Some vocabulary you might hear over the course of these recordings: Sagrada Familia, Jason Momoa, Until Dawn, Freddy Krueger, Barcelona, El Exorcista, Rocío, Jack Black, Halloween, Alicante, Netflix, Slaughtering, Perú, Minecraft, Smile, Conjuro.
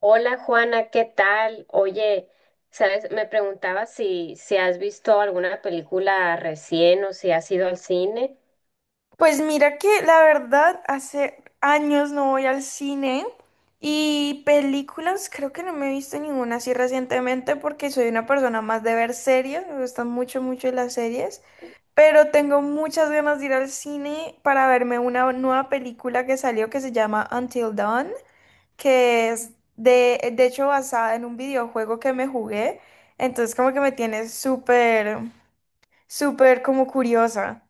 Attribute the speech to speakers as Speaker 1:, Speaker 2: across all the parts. Speaker 1: Hola Juana, ¿qué tal? Oye, sabes, me preguntaba si has visto alguna película recién o si has ido al cine.
Speaker 2: Pues mira que la verdad hace años no voy al cine y películas creo que no me he visto ninguna así recientemente porque soy una persona más de ver series, me gustan mucho mucho las series, pero tengo muchas ganas de ir al cine para verme una nueva película que salió que se llama Until Dawn, que es de hecho basada en un videojuego que me jugué, entonces como que me tiene súper, súper como curiosa.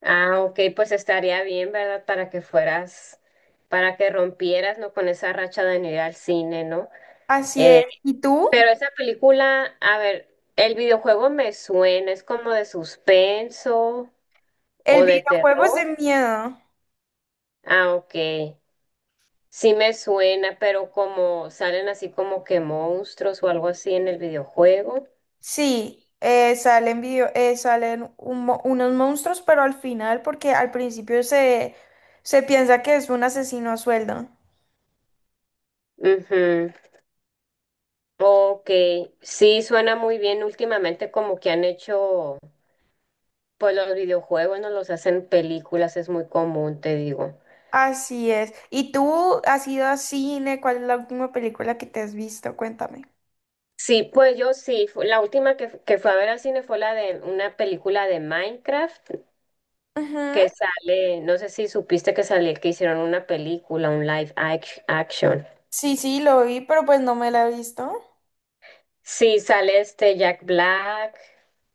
Speaker 1: Ah, ok, pues estaría bien, ¿verdad? Para que fueras, para que rompieras, ¿no? Con esa racha de no ir al cine, ¿no?
Speaker 2: Así es.
Speaker 1: Eh,
Speaker 2: ¿Y tú?
Speaker 1: pero esa película, a ver, el videojuego me suena, es como de suspenso
Speaker 2: El
Speaker 1: o de
Speaker 2: videojuego es
Speaker 1: terror.
Speaker 2: de miedo.
Speaker 1: Ah, ok. Sí me suena, pero como salen así como que monstruos o algo así en el videojuego.
Speaker 2: Sí, salen video, salen unos monstruos, pero al final, porque al principio se piensa que es un asesino a sueldo.
Speaker 1: Ujú. Ok, sí suena muy bien. Últimamente como que han hecho, pues los videojuegos no los hacen películas, es muy común, te digo.
Speaker 2: Así es. ¿Y tú has ido a cine? ¿Cuál es la última película que te has visto? Cuéntame.
Speaker 1: Sí, pues yo sí, la última que fue a ver al cine fue la de una película de Minecraft
Speaker 2: Ujú.
Speaker 1: que sale, no sé si supiste que salió, que hicieron una película, un action.
Speaker 2: Sí, sí, lo vi, pero pues no me la he visto.
Speaker 1: Sí, sale este Jack Black,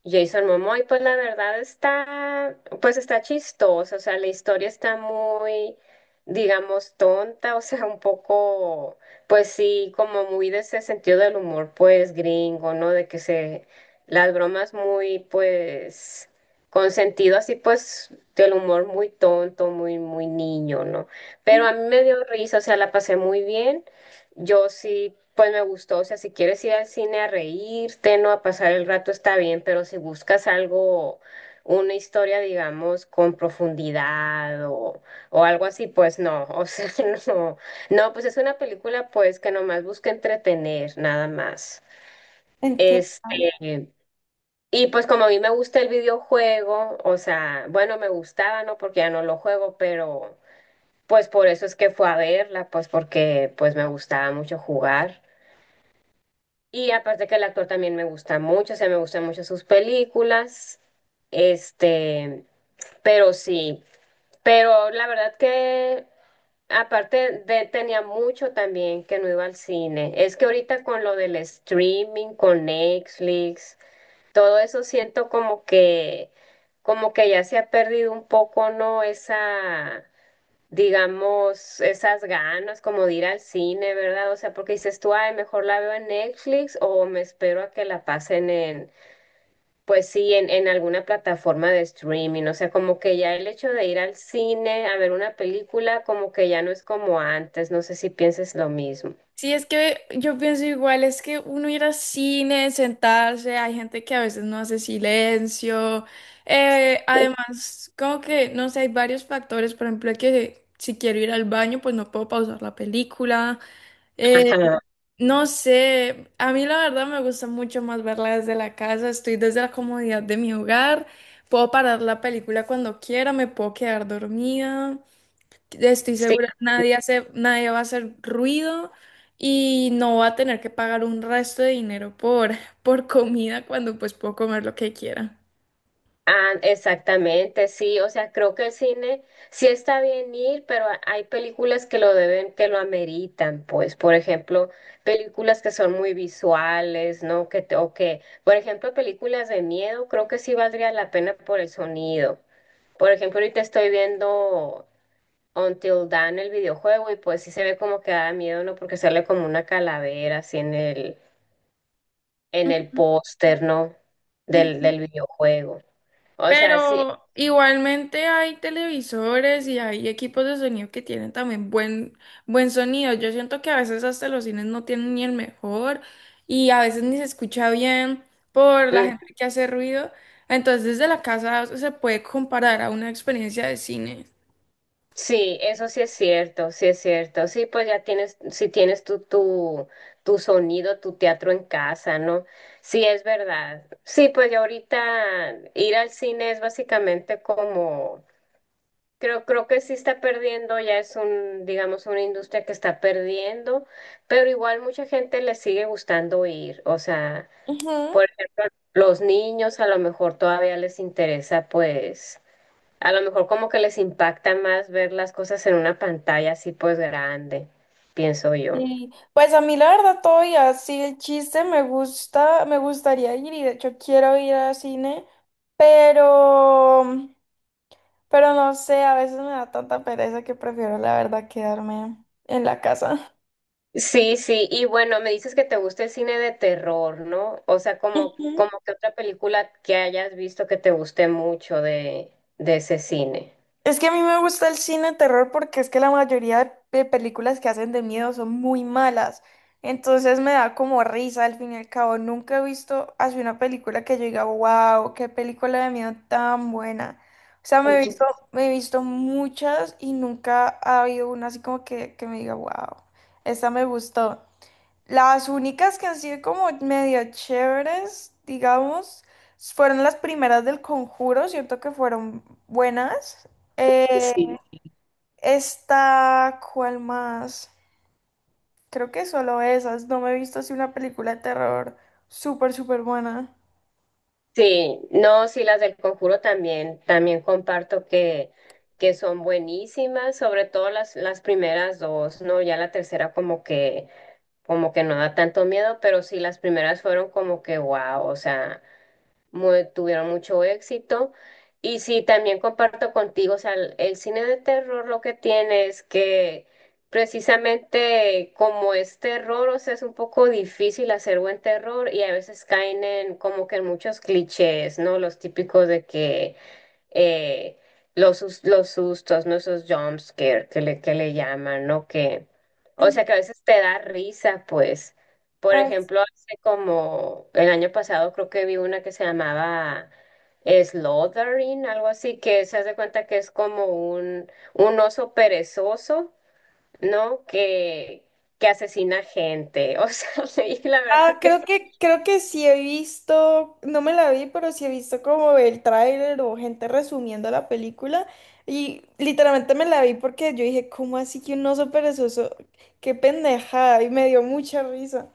Speaker 1: Jason Momoa, y pues la verdad está, pues está chistosa, o sea, la historia está muy, digamos, tonta, o sea, un poco, pues sí, como muy de ese sentido del humor, pues gringo, ¿no? De que se, las bromas muy, pues, con sentido así, pues, del humor muy tonto, muy, muy niño, ¿no? Pero
Speaker 2: Ujú.
Speaker 1: a mí me dio risa, o sea, la pasé muy bien. Yo sí, pues me gustó, o sea, si quieres ir al cine a reírte, no a pasar el rato está bien, pero si buscas algo, una historia, digamos, con profundidad o algo así, pues no, o sea, no, no, pues es una película pues que nomás busca entretener, nada más.
Speaker 2: Entiendo.
Speaker 1: Este, y pues como a mí me gusta el videojuego, o sea, bueno, me gustaba, ¿no? Porque ya no lo juego, pero pues por eso es que fue a verla, pues porque pues me gustaba mucho jugar. Y aparte que el actor también me gusta mucho, o sea, me gustan mucho sus películas, este, pero sí, pero la verdad que tenía mucho también que no iba al cine. Es que ahorita con lo del streaming, con Netflix, todo eso siento como que ya se ha perdido un poco, ¿no? Esa digamos, esas ganas como de ir al cine, ¿verdad? O sea, porque dices tú, ay, mejor la veo en Netflix o me espero a que la pasen pues sí, en alguna plataforma de streaming. O sea, como que ya el hecho de ir al cine a ver una película, como que ya no es como antes. No sé si pienses lo mismo.
Speaker 2: Sí, es que yo pienso igual, es que uno ir al cine, sentarse, hay gente que a veces no hace silencio. Además, como que, no sé, hay varios factores, por ejemplo, que si quiero ir al baño, pues no puedo pausar la película. eh,
Speaker 1: Ajá.
Speaker 2: no sé, a mí la verdad me gusta mucho más verla desde la casa, estoy desde la comodidad de mi hogar, puedo parar la película cuando quiera, me puedo quedar dormida. Estoy segura, nadie hace, nadie va a hacer ruido y no va a tener que pagar un resto de dinero por, por comida cuando pues puedo comer lo que quiera.
Speaker 1: Ah, exactamente, sí, o sea, creo que el cine sí está bien ir, pero hay películas que lo deben, que lo ameritan, pues, por ejemplo, películas que son muy visuales, ¿no? O que, por ejemplo, películas de miedo, creo que sí valdría la pena por el sonido. Por ejemplo, ahorita estoy viendo Until Dawn, el videojuego, y pues sí se ve como que da miedo, ¿no? Porque sale como una calavera así en en el póster, ¿no?
Speaker 2: Ujú.
Speaker 1: Del videojuego. O sea, sí.
Speaker 2: Pero igualmente hay televisores y hay equipos de sonido que tienen también buen, buen sonido. Yo siento que a veces hasta los cines no tienen ni el mejor y a veces ni se escucha bien por la
Speaker 1: mm,
Speaker 2: gente que hace ruido. Entonces desde la casa se puede comparar a una experiencia de cine.
Speaker 1: Sí, eso sí es cierto, sí es cierto. Sí, pues ya tienes, si tienes tu sonido, tu teatro en casa, ¿no? Sí, es verdad. Sí, pues ya ahorita ir al cine es básicamente como, creo que sí está perdiendo, ya es un, digamos, una industria que está perdiendo, pero igual mucha gente le sigue gustando ir. O sea,
Speaker 2: Ujú.
Speaker 1: por ejemplo, los niños a lo mejor todavía les interesa, pues. A lo mejor como que les impacta más ver las cosas en una pantalla así pues grande, pienso yo.
Speaker 2: Y pues a mí la verdad todavía sí el chiste me gusta, me gustaría ir y de hecho quiero ir al cine, pero, pero no sé, a veces me da tanta pereza que prefiero la verdad quedarme en la casa.
Speaker 1: Sí, sí, y bueno, me dices que te gusta el cine de terror, ¿no? O sea, como que otra película que hayas visto que te guste mucho de ese cine.
Speaker 2: Es que a mí me gusta el cine de terror porque es que la mayoría de películas que hacen de miedo son muy malas. Entonces me da como risa al fin y al cabo. Nunca he visto así una película que yo diga, wow, qué película de miedo tan buena. O sea,
Speaker 1: Ujú.
Speaker 2: me he visto muchas y nunca ha habido una así como que me diga, wow, esta me gustó. Las únicas que han sido como medio chéveres, digamos, fueron las primeras del Conjuro, siento que fueron buenas. Eh,
Speaker 1: Sí.
Speaker 2: Esta, ¿cuál más? Creo que solo esas, no me he visto así una película de terror súper, súper buena.
Speaker 1: Sí, no, sí, las del Conjuro también, también comparto que son buenísimas, sobre todo las primeras dos, ¿no? Ya la tercera como que no da tanto miedo, pero sí las primeras fueron como que wow, o sea, muy- tuvieron mucho éxito. Y sí, también comparto contigo, o sea, el cine de terror lo que tiene es que precisamente como es terror, o sea, es un poco difícil hacer buen terror y a veces caen en como que en muchos clichés, ¿no? Los típicos de que eh, los, los sustos, ¿no? Esos jump scare que le llaman, ¿no? Que, o
Speaker 2: Mm.
Speaker 1: sea, que a veces te da risa, pues. Por ejemplo, hace como el año pasado creo que vi una que se llamaba Slaughtering, algo así, que se hace cuenta que es como un oso perezoso, ¿no? Que asesina gente. O sea, y la
Speaker 2: Ah,
Speaker 1: verdad que
Speaker 2: creo que sí he visto, no me la vi, pero sí he visto como el tráiler o gente resumiendo la película. Y literalmente me la vi porque yo dije, ¿cómo así que un oso perezoso? ¡Qué pendejada! Y me dio mucha risa.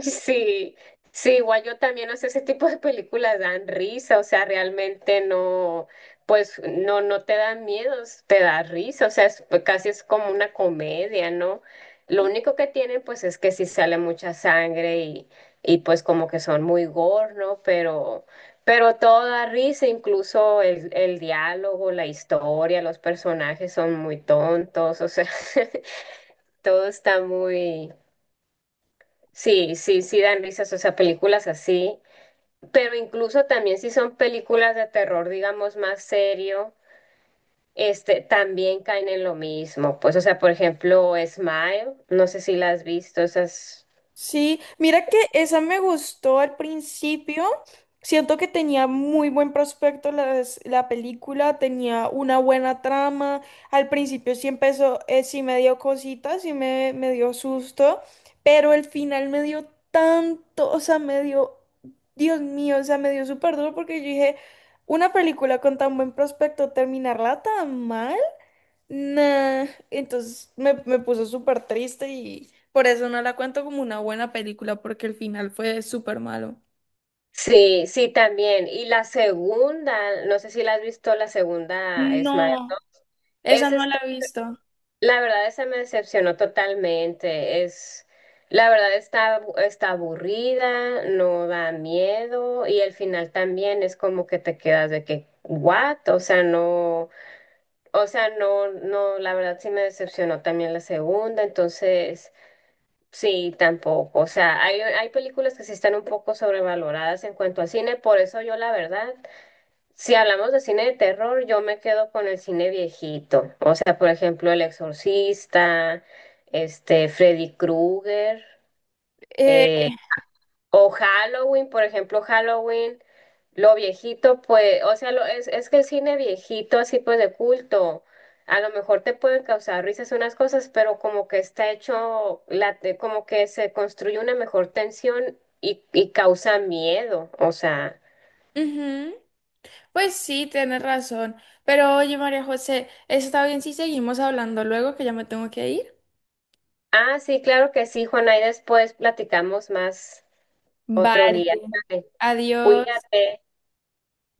Speaker 1: Sí, sí, igual yo también, o sea, ese tipo de películas dan risa, o sea, realmente no, pues no, no te dan miedos, te da risa, o sea, pues, casi es como una comedia, ¿no? Lo único que tienen, pues, es que sí sale mucha sangre y pues como que son muy gore, ¿no? Pero todo da risa, incluso el diálogo, la historia, los personajes son muy tontos, o sea, todo está muy... Sí, sí, sí dan risas, o sea, películas así, pero incluso también si son películas de terror, digamos, más serio, este, también caen en lo mismo. Pues, o sea, por ejemplo, Smile, no sé si la has visto, esas...
Speaker 2: Sí, mira que esa me gustó al principio. Siento que tenía muy buen prospecto película, tenía una buena trama. Al principio sí empezó, sí me dio cositas, me dio susto, pero el final me dio tanto, o sea, me dio, Dios mío, o sea, me dio súper duro porque yo dije, una película con tan buen prospecto, terminarla tan mal. Nah, entonces me puso súper triste y por eso no la cuento como una buena película, porque el final fue súper malo.
Speaker 1: Sí, sí, también. Y la segunda, no sé si la has visto, la segunda, Smile.
Speaker 2: No, esa
Speaker 1: Esa
Speaker 2: no la
Speaker 1: está.
Speaker 2: he visto.
Speaker 1: La verdad, esa me decepcionó totalmente. Es, la verdad está, está aburrida, no da miedo y el final también es como que te quedas de que, ¿what? O sea, no, no, la verdad sí me decepcionó también la segunda, entonces sí, tampoco. O sea, hay películas que sí están un poco sobrevaloradas en cuanto al cine, por eso yo la verdad. Si hablamos de cine de terror, yo me quedo con el cine viejito. O sea, por ejemplo, El Exorcista, este, Freddy Krueger, eh,
Speaker 2: Eh,
Speaker 1: o Halloween, por ejemplo, Halloween, lo viejito, pues, o sea, lo, es que el cine viejito, así pues de culto, a lo mejor te pueden causar risas unas cosas, pero como que está hecho, la, como que se construye una mejor tensión y causa miedo. O sea.
Speaker 2: ujú, Pues sí, tienes razón. Pero oye, María José, ¿está bien si seguimos hablando luego que ya me tengo que ir?
Speaker 1: Ah, sí, claro que sí, Juana, y después platicamos más otro
Speaker 2: Vale.
Speaker 1: día. ¿Sale?
Speaker 2: Adiós.
Speaker 1: Cuídate.